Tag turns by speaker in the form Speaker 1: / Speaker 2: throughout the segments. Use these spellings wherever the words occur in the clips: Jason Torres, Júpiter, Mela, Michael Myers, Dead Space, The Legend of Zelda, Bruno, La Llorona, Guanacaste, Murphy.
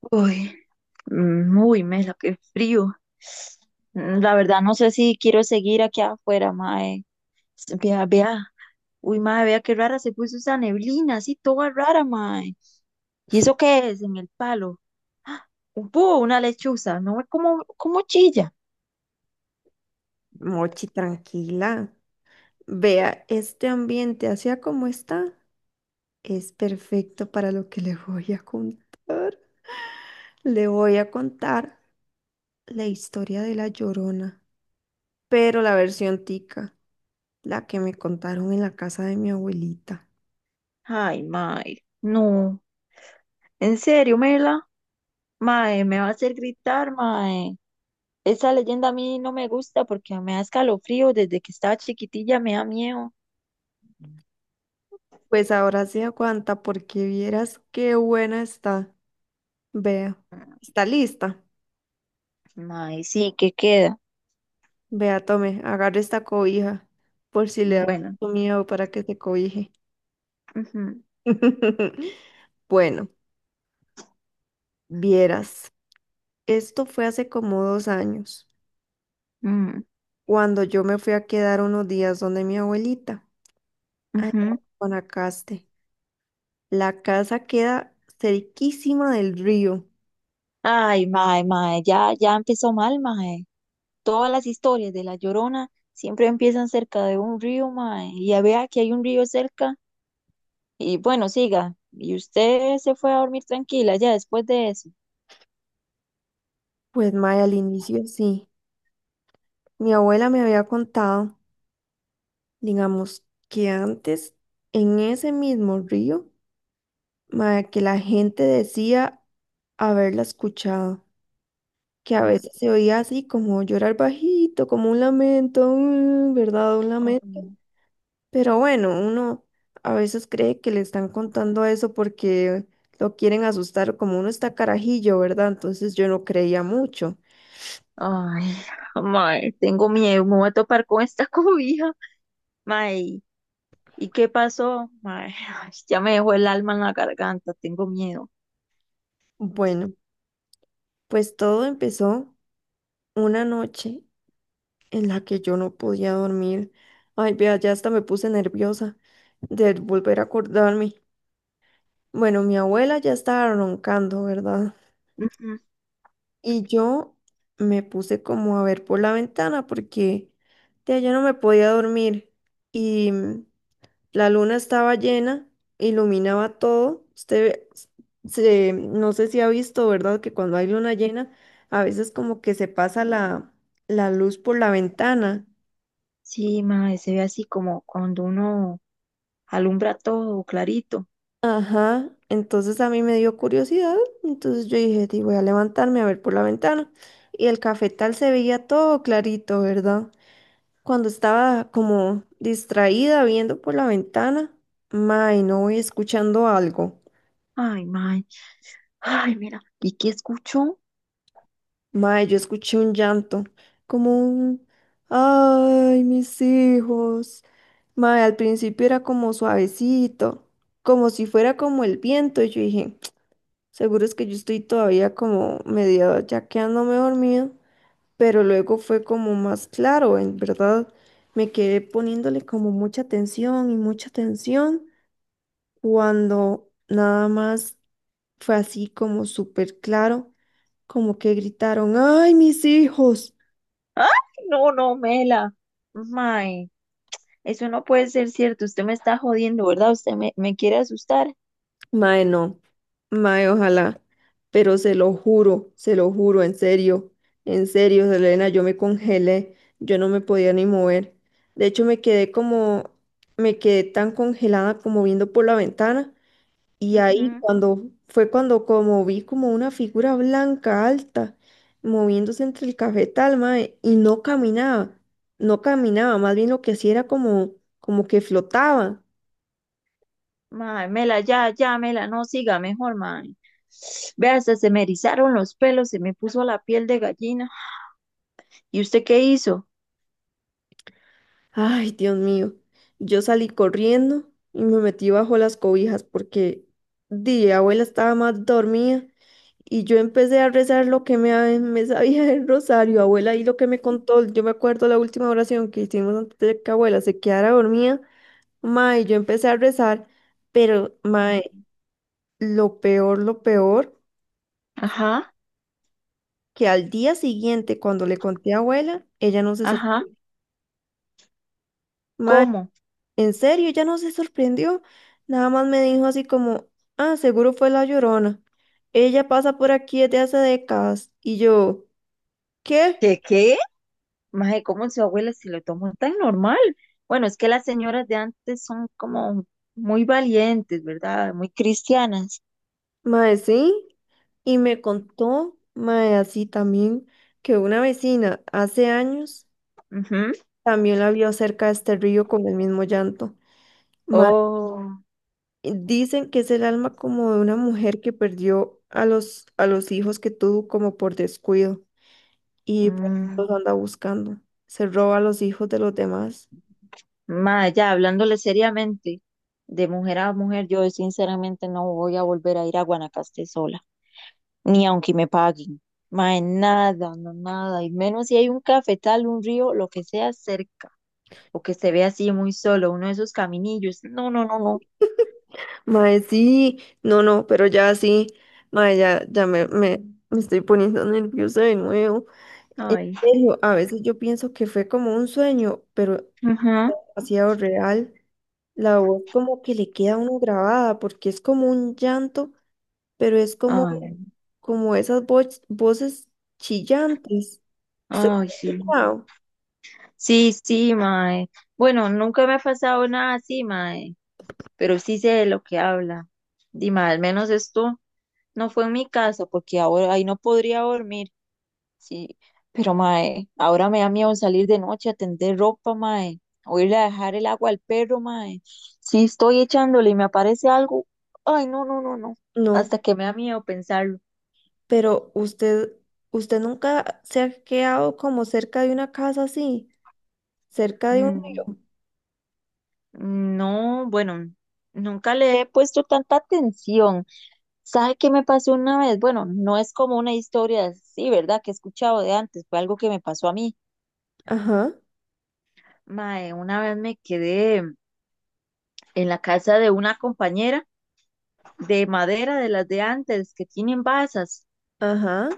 Speaker 1: Uy, Mela, qué frío. La verdad, no sé si quiero seguir aquí afuera, mae. Vea, vea. Uy, mae, vea qué rara se puso esa neblina, así toda rara, mae. ¿Y eso qué es en el palo? ¡Ah! Un búho, una lechuza. No ve cómo chilla.
Speaker 2: Mochi, tranquila. Vea, este ambiente, así como está, es perfecto para lo que le voy a contar. Le voy a contar la historia de la Llorona, pero la versión tica, la que me contaron en la casa de mi abuelita.
Speaker 1: Ay, mae. No. En serio, Mela. Mae, me va a hacer gritar, mae. Esa leyenda a mí no me gusta porque me da escalofrío. Desde que estaba chiquitilla me da miedo.
Speaker 2: Pues ahora se aguanta porque vieras qué buena está. Vea, está lista.
Speaker 1: Mae, sí, ¿qué queda?
Speaker 2: Vea, tome, agarre esta cobija por si le da
Speaker 1: Bueno.
Speaker 2: mucho miedo para que se cobije.
Speaker 1: Ujú,
Speaker 2: Bueno. Vieras, esto fue hace como 2 años,
Speaker 1: mm,
Speaker 2: cuando yo me fui a quedar unos días donde mi abuelita, allá en
Speaker 1: ujú.
Speaker 2: Guanacaste. La casa queda cerquísima del río.
Speaker 1: Ay, mae, mae, ya empezó mal, mae. Todas las historias de La Llorona siempre empiezan cerca de un río, mae. Y ya vea que hay un río cerca. Y bueno, siga. Y usted se fue a dormir tranquila ya después de eso.
Speaker 2: Pues Maya, al inicio sí. Mi abuela me había contado, digamos, que antes en ese mismo río, Maya, que la gente decía haberla escuchado, que a
Speaker 1: Mm.
Speaker 2: veces se oía así como llorar bajito, como un lamento, mm, ¿verdad? Un lamento. Pero bueno, uno a veces cree que le están contando eso porque lo quieren asustar, como uno está carajillo, ¿verdad? Entonces yo no creía mucho.
Speaker 1: Ay, ay, mae, tengo miedo, me voy a topar con esta cobija. Mae, ¿y qué pasó? Mae, ay, ya me dejó el alma en la garganta, tengo miedo.
Speaker 2: Bueno, pues todo empezó una noche en la que yo no podía dormir. Ay, vea, ya hasta me puse nerviosa de volver a acordarme. Bueno, mi abuela ya estaba roncando, ¿verdad? Y yo me puse como a ver por la ventana porque de allá no me podía dormir. Y la luna estaba llena, iluminaba todo. Usted se, no sé si ha visto, ¿verdad? Que cuando hay luna llena, a veces como que se pasa la luz por la ventana.
Speaker 1: Sí, mae, se ve así como cuando uno alumbra todo clarito.
Speaker 2: Ajá. Entonces a mí me dio curiosidad. Entonces yo dije, "Di, voy a levantarme a ver por la ventana. Y el cafetal se veía todo clarito, ¿verdad? Cuando estaba como distraída viendo por la ventana, mae, no voy escuchando algo.
Speaker 1: Ay, mae. Ay, mira. ¿Y qué escuchó?
Speaker 2: Mae, yo escuché un llanto, como un, ay, mis hijos. Mae, al principio era como suavecito, como si fuera como el viento. Y yo dije, seguro es que yo estoy todavía como medio ya quedándome dormido. Pero luego fue como más claro, en verdad. Me quedé poniéndole como mucha atención y mucha atención cuando nada más fue así como súper claro, como que gritaron, ay, mis hijos.
Speaker 1: ¡Ay, no, no, Mela! Mae, eso no puede ser cierto. Usted me está jodiendo, ¿verdad? Usted me quiere asustar.
Speaker 2: Mae, no. Mae, ojalá. Pero se lo juro, en serio. En serio, Selena, yo me congelé. Yo no me podía ni mover. De hecho, me quedé como, me quedé tan congelada como viendo por la ventana. Y ahí
Speaker 1: Ujú.
Speaker 2: cuando, fue cuando como vi como una figura blanca alta moviéndose entre el cafetal, mae, y no caminaba. No caminaba, más bien lo que hacía era como, como que flotaba.
Speaker 1: Mae, Mela, ya, ya, Mela, no siga mejor, mae. Vea, hasta se me erizaron los pelos, se me puso la piel de gallina. ¿Y usted qué hizo?
Speaker 2: Ay, Dios mío. Yo salí corriendo y me metí bajo las cobijas porque di, abuela estaba más dormida y yo empecé a rezar lo que me, me sabía el rosario, abuela, y lo que me contó. Yo me acuerdo la última oración que hicimos antes de que abuela se quedara dormida. Mae, yo empecé a rezar, pero mae, lo peor,
Speaker 1: Ajá,
Speaker 2: que al día siguiente cuando le conté a abuela, ella no se
Speaker 1: ajá.
Speaker 2: sorprendió.
Speaker 1: ¿Cómo?
Speaker 2: En serio, ya no se sorprendió. Nada más me dijo así como, ah, seguro fue la Llorona. Ella pasa por aquí desde hace décadas. Y yo, ¿qué?
Speaker 1: ¿Qué qué? Mae, ¿cómo su abuela se lo tomó tan normal? Bueno, es que las señoras de antes son como muy valientes, ¿verdad? Muy cristianas.
Speaker 2: Mae, sí. Y me contó, mae, así también, que una vecina hace años
Speaker 1: Ujú.
Speaker 2: también la vio cerca de este río con el mismo llanto. Mae,
Speaker 1: Oh,
Speaker 2: dicen que es el alma como de una mujer que perdió a a los hijos que tuvo como por descuido y por eso
Speaker 1: mm,
Speaker 2: los anda buscando. Se roba a los hijos de los demás.
Speaker 1: mae, ya hablándole seriamente, de mujer a mujer, yo sinceramente no voy a volver a ir a Guanacaste sola, ni aunque me paguen. Mae, nada, no nada, y menos si hay un cafetal, un río, lo que sea cerca, o que se vea así muy solo, uno de esos caminillos. No, no, no, no.
Speaker 2: Mae, sí, no, no, pero ya sí, mae, ya, ya me estoy poniendo nerviosa de nuevo. En
Speaker 1: Ay,
Speaker 2: serio, a veces yo pienso que fue como un sueño, pero
Speaker 1: ajá,
Speaker 2: demasiado real. La voz como que le queda a uno grabada, porque es como un llanto, pero es como,
Speaker 1: ay.
Speaker 2: como esas voces chillantes. ¿Usted
Speaker 1: Ay,
Speaker 2: lo ha
Speaker 1: sí.
Speaker 2: escuchado?
Speaker 1: Sí, sí, mae. Bueno, nunca me ha pasado nada así, mae, pero sí sé de lo que habla. Dime, al menos esto no fue en mi casa, porque ahora ahí no podría dormir. Sí, pero mae, ahora me da miedo salir de noche a tender ropa, mae, o irle a dejar el agua al perro, mae. Si estoy echándole y me aparece algo. Ay, no, no, no, no.
Speaker 2: No.
Speaker 1: Hasta que me da miedo pensarlo.
Speaker 2: Pero usted, usted nunca se ha quedado como cerca de una casa así, cerca de un
Speaker 1: Mm.
Speaker 2: río.
Speaker 1: No, bueno, nunca le he puesto tanta atención. ¿Sabe qué me pasó una vez? Bueno, no es como una historia así, ¿verdad? Que he escuchado de antes, fue algo que me pasó a mí.
Speaker 2: Ajá,
Speaker 1: Mae, una vez me quedé en la casa de una compañera de madera, de las de antes, que tienen basas,
Speaker 2: ajá,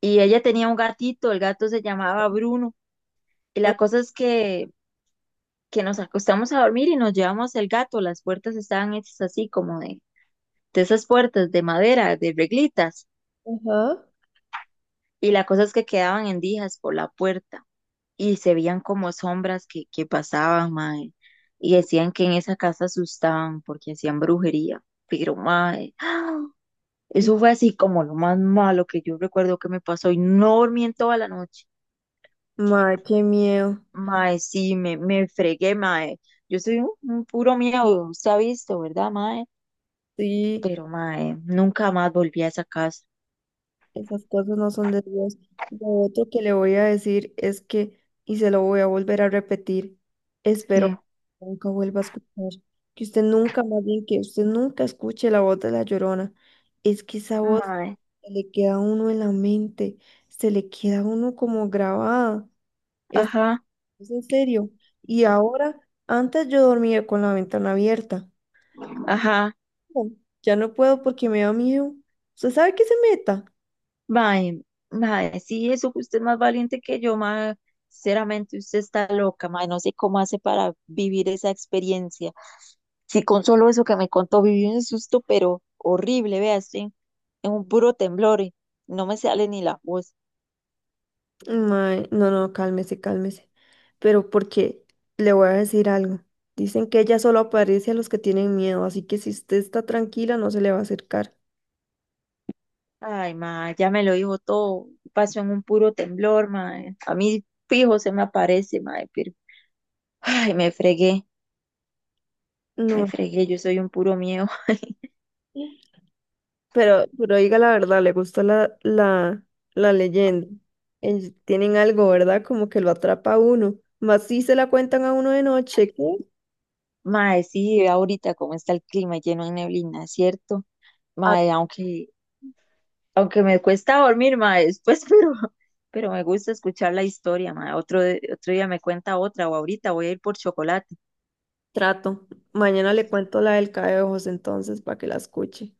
Speaker 1: y ella tenía un gatito, el gato se llamaba Bruno, y la cosa es que nos acostamos a dormir y nos llevamos el gato, las puertas estaban hechas así como de esas puertas de madera, de reglitas.
Speaker 2: ajá.
Speaker 1: Y la cosa es que quedaban endijas por la puerta y se veían como sombras que pasaban, mae. Y decían que en esa casa asustaban porque hacían brujería. Pero, mae, ¡ah! Eso fue así como lo más malo que yo recuerdo que me pasó y no dormí en toda la noche.
Speaker 2: Mae, qué miedo.
Speaker 1: Mae, sí, me fregué, mae. Yo soy un puro miedo, se ha visto, ¿verdad, mae?
Speaker 2: Sí,
Speaker 1: Pero, mae, nunca más volví a esa casa.
Speaker 2: esas cosas no son de Dios. Lo otro que le voy a decir es que, y se lo voy a volver a repetir, espero que
Speaker 1: ¿Qué?
Speaker 2: nunca vuelva a escuchar, que usted nunca, más bien que usted nunca escuche la voz de la Llorona. Es que esa voz
Speaker 1: Mae,
Speaker 2: se le queda a uno en la mente, se le queda a uno como grabada. Es,
Speaker 1: ajá,
Speaker 2: es en serio. Y ahora, antes yo dormía con la ventana abierta.
Speaker 1: ajá.
Speaker 2: No, ya no puedo porque me da miedo. ¿Usted sabe que se meta?
Speaker 1: Mae, mae, sí, eso que usted es más valiente que yo, mae. Sinceramente, usted está loca, mae. No sé cómo hace para vivir esa experiencia. Sí, con solo eso que me contó, viví un susto, pero horrible, vea, estoy en un puro temblor y no me sale ni la voz.
Speaker 2: Mae, no, no, cálmese, cálmese. Pero porque le voy a decir algo. Dicen que ella solo aparece a los que tienen miedo, así que si usted está tranquila, no se le va a acercar.
Speaker 1: Ay, mae, ya me lo dijo todo. Pasó en un puro temblor, mae. A mí fijo se me aparece, mae, pero ay, me fregué, me
Speaker 2: No.
Speaker 1: fregué, yo soy un puro miedo.
Speaker 2: Pero diga la verdad, le gustó la leyenda. Ellos tienen algo, ¿verdad? Como que lo atrapa a uno. Más si se la cuentan a uno de noche, ¿qué?
Speaker 1: Mae, sí, vea ahorita cómo está el clima lleno de neblina, ¿cierto?
Speaker 2: A
Speaker 1: Mae, aunque me cuesta dormir, mae, después, pero me gusta escuchar la historia, mae. Otro día me cuenta otra o ahorita voy a ir por chocolate.
Speaker 2: trato. Mañana le cuento la del cae de ojos entonces para que la escuche.